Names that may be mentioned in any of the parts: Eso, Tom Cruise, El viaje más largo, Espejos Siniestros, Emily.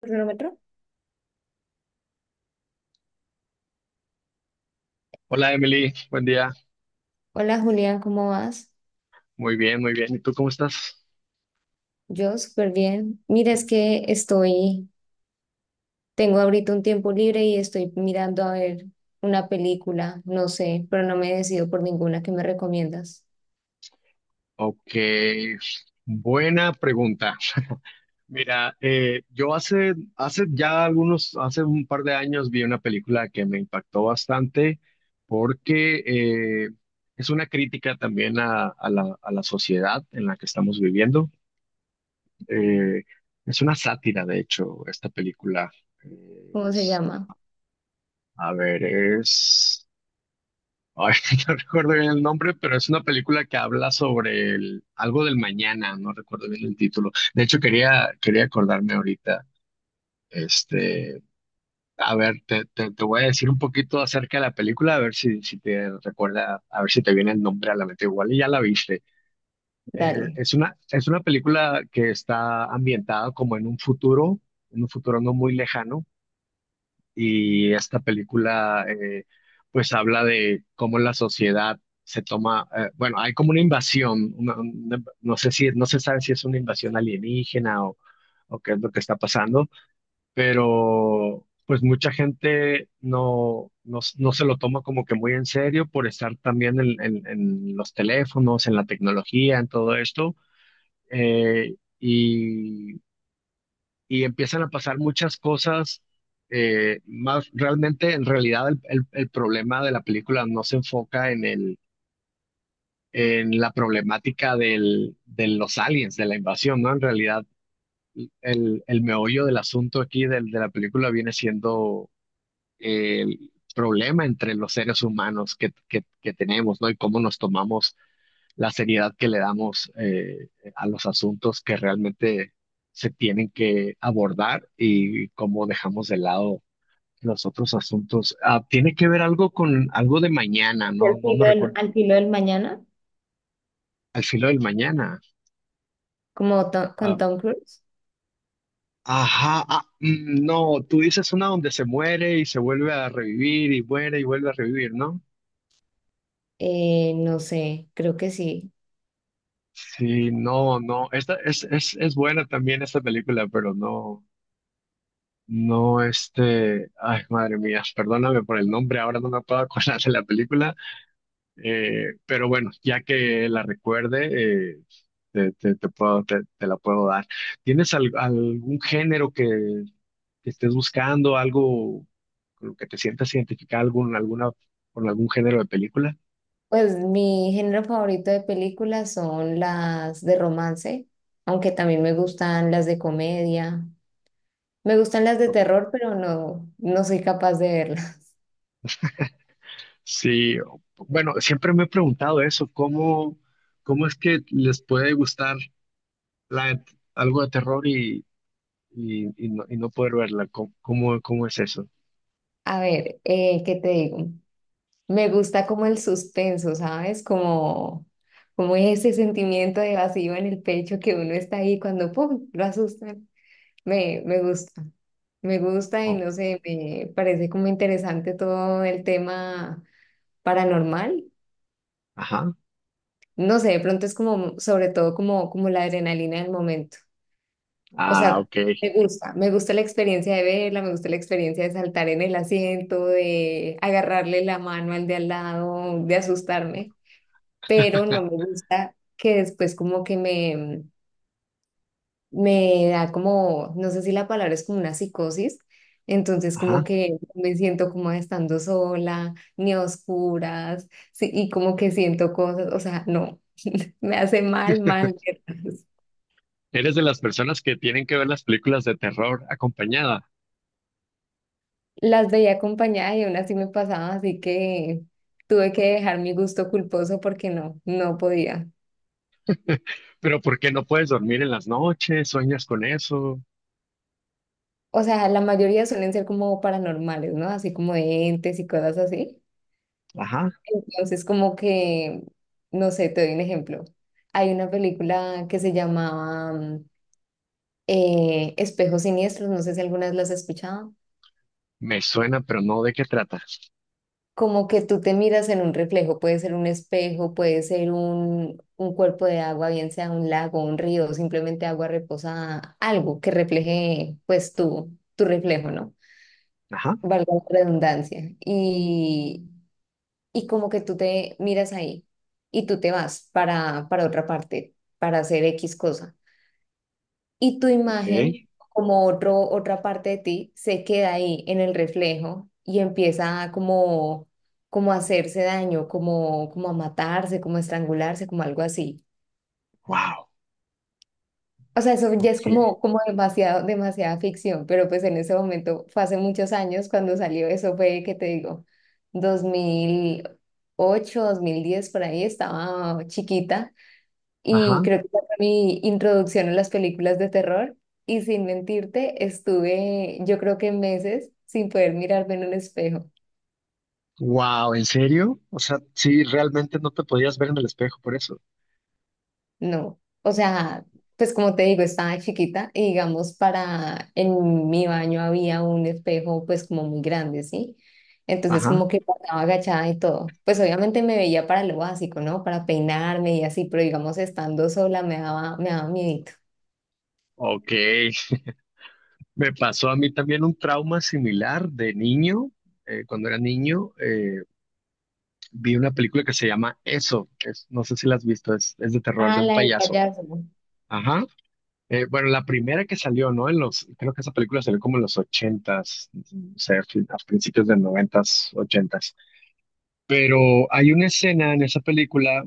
Cronómetro. Hola Emily, buen día. Hola Julián, ¿cómo vas? Muy bien, muy bien. ¿Y tú cómo estás? Yo súper bien. Mira, tengo ahorita un tiempo libre y estoy mirando a ver una película, no sé, pero no me decido por ninguna que me recomiendas. Ok, buena pregunta. Mira, yo hace ya algunos, hace un par de años vi una película que me impactó bastante porque eh, es una crítica también a la sociedad en la que estamos viviendo. Eh, es una sátira, de hecho, esta película. ¿Cómo se Es- llama? a ver, es... Ahorita no recuerdo bien el nombre, pero es una película que habla sobre el, algo del mañana, no recuerdo bien el título. De hecho, quería acordarme ahorita. Este, a ver, te voy a decir un poquito acerca de la película, a ver si te recuerda, a ver si te viene el nombre a la mente. Igual y ya la viste. Dale. Es una película que está ambientada como en un futuro no muy lejano y esta película pues habla de cómo la sociedad se toma, bueno, hay como una invasión, no sé si, no se sabe si es una invasión alienígena o qué es lo que está pasando, pero pues mucha gente no se lo toma como que muy en serio por estar también en los teléfonos, en la tecnología, en todo esto. Y y empiezan a pasar muchas cosas, más realmente en realidad el problema de la película no se enfoca en el en la problemática del, de los aliens de la invasión, ¿no? En realidad el meollo del asunto aquí del, de la película viene siendo el problema entre los seres humanos que tenemos, ¿no? Y cómo nos tomamos la seriedad que le damos, a los asuntos que realmente se tienen que abordar y cómo dejamos de lado los otros asuntos. Ah, tiene que ver algo con algo de mañana, ¿no? Al No me filo del, recuerdo. al filo del mañana, Al filo del mañana. Con Ah, Tom Cruise. ajá, ah, mm, no, tú dices una donde se muere y se vuelve a revivir y muere y vuelve a revivir, ¿no? No sé, creo que sí. Sí, no, no, esta es buena también esta película, pero no. No, este, ay, madre mía, perdóname por el nombre, ahora no me puedo acordar de la película, pero bueno, ya que la recuerde, te la puedo dar. ¿Tienes algún género que estés buscando, algo con lo que te sientas identificado, con algún género de película? Pues mi género favorito de películas son las de romance, aunque también me gustan las de comedia. Me gustan las de ¿No? terror, pero no, no soy capaz de verlas. Sí, bueno, siempre me he preguntado eso. ¿Cómo, cómo es que les puede gustar la, algo de terror y, y no poder verla? ¿Cómo, cómo, cómo es eso? A ver, ¿qué te digo? Me gusta como el suspenso, ¿sabes? Como, como ese sentimiento de vacío en el pecho que uno está ahí cuando ¡pum! Lo asustan. Me gusta. Me gusta y Oh, no sé, me parece como interesante todo el tema paranormal. ajá. No sé, de pronto es como, sobre todo como, como la adrenalina del momento. O Ah, sea, ok. Me gusta la experiencia de verla, me gusta la experiencia de saltar en el asiento, de agarrarle la mano al de al lado, de asustarme, pero no me gusta que después como que me da como, no sé si la palabra es como una psicosis, entonces como Ajá. que me siento como estando sola, ni a oscuras, sí, y como que siento cosas, o sea, no, me hace mal, mal. Eres de las personas que tienen que ver las películas de terror acompañada. Las veía acompañada y aún así me pasaba, así que tuve que dejar mi gusto culposo porque no, no podía. Pero ¿por qué no puedes dormir en las noches? ¿Sueñas con eso? O sea, la mayoría suelen ser como paranormales, ¿no? Así como de entes y cosas así. Ajá. Entonces, como que, no sé, te doy un ejemplo. Hay una película que se llamaba Espejos Siniestros, no sé si alguna vez las has escuchado. Me suena, pero no de qué trata. Como que tú te miras en un reflejo, puede ser un espejo, puede ser un cuerpo de agua, bien sea un lago, un río, simplemente agua reposada, algo que refleje pues tu reflejo, ¿no? Ajá. Valga la redundancia. Y como que tú te miras ahí y tú te vas para otra parte, para hacer X cosa y tu Ok. imagen, como otro, otra parte de ti, se queda ahí en el reflejo y empieza a como a hacerse daño, como a matarse, como a estrangularse, como algo así. Wow. O sea, eso ya Ok. es como, como demasiado, demasiada ficción, pero pues en ese momento, fue hace muchos años cuando salió eso, fue, ¿qué te digo? 2008, 2010 por ahí, estaba chiquita. Ajá. Y creo que esa fue mi introducción a las películas de terror. Y sin mentirte, estuve yo creo que meses sin poder mirarme en un espejo. Wow, ¿en serio? O sea, sí, realmente no te podías ver en el espejo por eso. No. O sea, pues como te digo, estaba chiquita y digamos para, en mi baño había un espejo pues como muy grande, ¿sí? Entonces Ajá. como que pasaba agachada y todo. Pues obviamente me veía para lo básico, ¿no? Para peinarme y así, pero digamos estando sola me daba miedito. Ok. Me pasó a mí también un trauma similar de niño. Cuando era niño, vi una película que se llama Eso. No sé si la has visto, es de terror de Ah, un la del payaso. payaso. Ajá. Bueno, la primera que salió, ¿no? En los, creo que esa película salió como en los ochentas, o sea, a principios de noventas, ochentas. Pero hay una escena en esa película,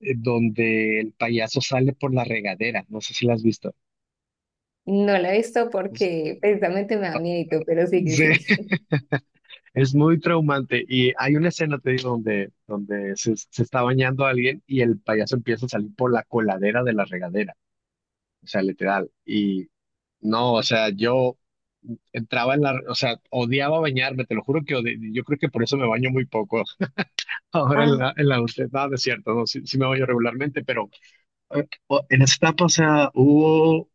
donde el payaso sale por la regadera. No sé si la has visto. No la he visto Es- porque no. precisamente me da miedo, pero sí que Sí. sí. Es muy traumante y hay una escena, te digo, donde, se está bañando alguien y el payaso empieza a salir por la coladera de la regadera, o sea, literal. Y no, o sea, yo entraba en la, o sea, odiaba bañarme, te lo juro que yo creo que por eso me baño muy poco. Ahora Ah, en la adultez, nada, es cierto, no, sí, sí me baño regularmente, pero en esa etapa, o sea, hubo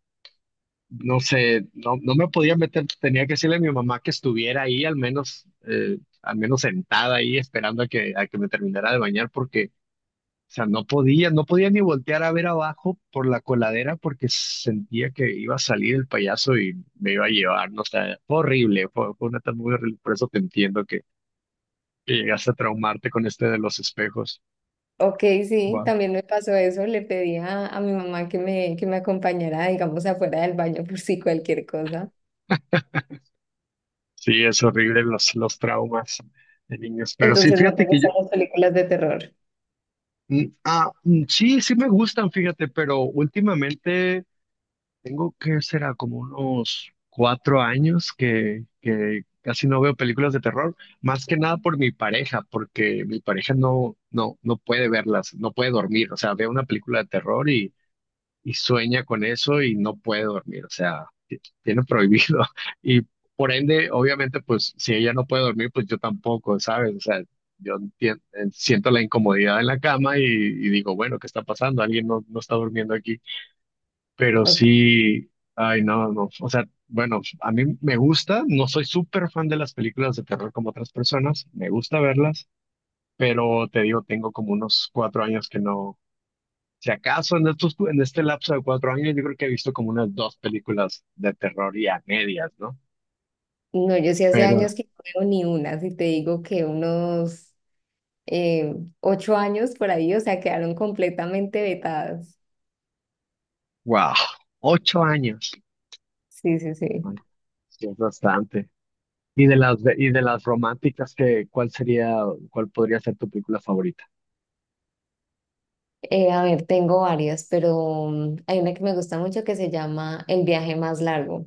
no sé, no me podía meter, tenía que decirle a mi mamá que estuviera ahí, al menos sentada ahí esperando a que me terminara de bañar, porque, o sea, no podía, no podía ni voltear a ver abajo por la coladera porque sentía que iba a salir el payaso y me iba a llevar, no sé, fue horrible, fue una tarde muy horrible, por eso te entiendo que llegaste a traumarte con este de los espejos. Ok, sí, Wow. también me pasó eso. Le pedí a mi mamá que me acompañara, digamos, afuera del baño por si cualquier cosa. Sí, es horrible los traumas de niños, pero sí, Entonces, ¿no fíjate te que yo, gustan las películas de terror? mm, ah, mm, sí, sí me gustan, fíjate, pero últimamente tengo que será como unos 4 años que casi no veo películas de terror, más que nada por mi pareja, porque mi pareja no puede verlas, no puede dormir, o sea, ve una película de terror y sueña con eso y no puede dormir, o sea, tiene prohibido. Y por ende, obviamente, pues si ella no puede dormir, pues yo tampoco, ¿sabes? O sea, yo siento la incomodidad en la cama y digo, bueno, ¿qué está pasando? Alguien no está durmiendo aquí, pero Ok. sí, ay, no, no, o sea, bueno, a mí me gusta, no soy súper fan de las películas de terror como otras personas, me gusta verlas. Pero te digo, tengo como unos cuatro años que no, si acaso en estos, en este lapso de 4 años, yo creo que he visto como unas 2 películas de terror y a medias, ¿no? No, yo sí hace Pero, años que no veo ni una. Si te digo que unos, eh, 8 años por ahí, o sea, quedaron completamente vetadas. wow, 8 años. Sí, sí, sí. Bueno, sí es bastante. Y de las románticas, que, ¿cuál sería, cuál podría ser tu película favorita? A ver, tengo varias, pero hay una que me gusta mucho que se llama El viaje más largo.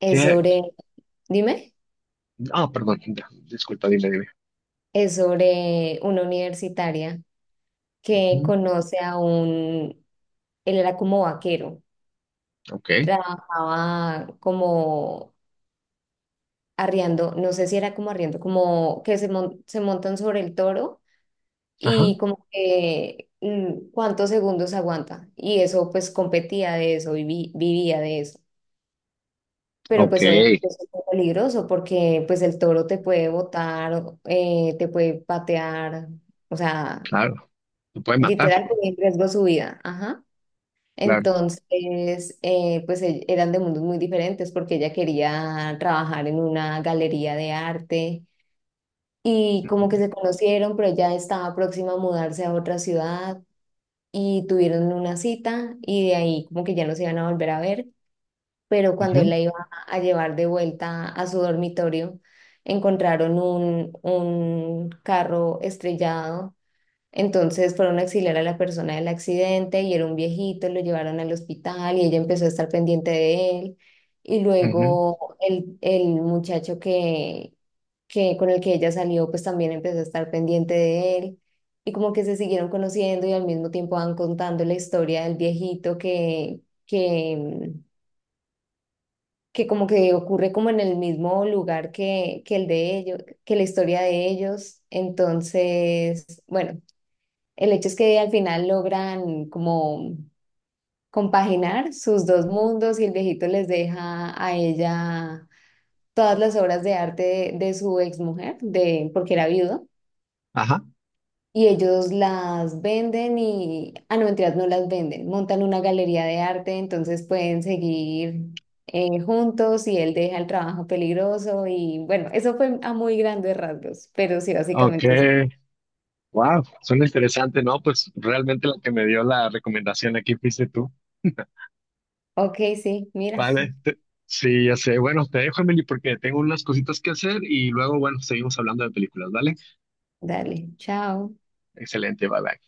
Es ¿Qué? sobre, dime, Ah, perdón, ya, disculpa, dime, dime. es sobre una universitaria que Ujú, conoce a un, él era como vaquero, ok, trabajaba como arriando, no sé si era como arriando, como que se, se montan sobre el toro ajá, y como que cuántos segundos aguanta. Y eso pues competía de eso, vivía de eso. Pero ok, pues obviamente eso es muy peligroso porque pues el toro te puede botar, te puede patear, o sea... claro. Te puede matar, Literal ponía en riesgo su vida. Ajá. claro. Entonces, pues eran de mundos muy diferentes porque ella quería trabajar en una galería de arte y como que se conocieron, pero ella estaba próxima a mudarse a otra ciudad y tuvieron una cita y de ahí como que ya no se iban a volver a ver, pero cuando él Ujú, la iba a llevar de vuelta a su dormitorio, encontraron un, carro estrellado, entonces fueron a auxiliar a la persona del accidente y era un viejito, lo llevaron al hospital y ella empezó a estar pendiente de él. Y ujú, luego el muchacho que con el que ella salió, pues también empezó a estar pendiente de él. Y como que se siguieron conociendo y al mismo tiempo van contando la historia del viejito que, que como que ocurre como en el mismo lugar que el de ellos, que la historia de ellos. Entonces, bueno. El hecho es que al final logran como compaginar sus dos mundos y el viejito les deja a ella todas las obras de arte de su exmujer, de, porque era viudo, ajá, y ellos las venden y, ah, no, mentiras, no las venden, montan una galería de arte, entonces pueden seguir juntos y él deja el trabajo peligroso y bueno, eso fue a muy grandes rasgos, pero sí, ok. básicamente es, Wow, suena interesante, ¿no? Pues realmente la que me dio la recomendación aquí fuiste tú. ok, sí, mira, Vale, sí, ya sé. Bueno, te dejo, Emily, porque tengo unas cositas que hacer y luego, bueno, seguimos hablando de películas, ¿vale? dale, chao. Excelente, bye bye.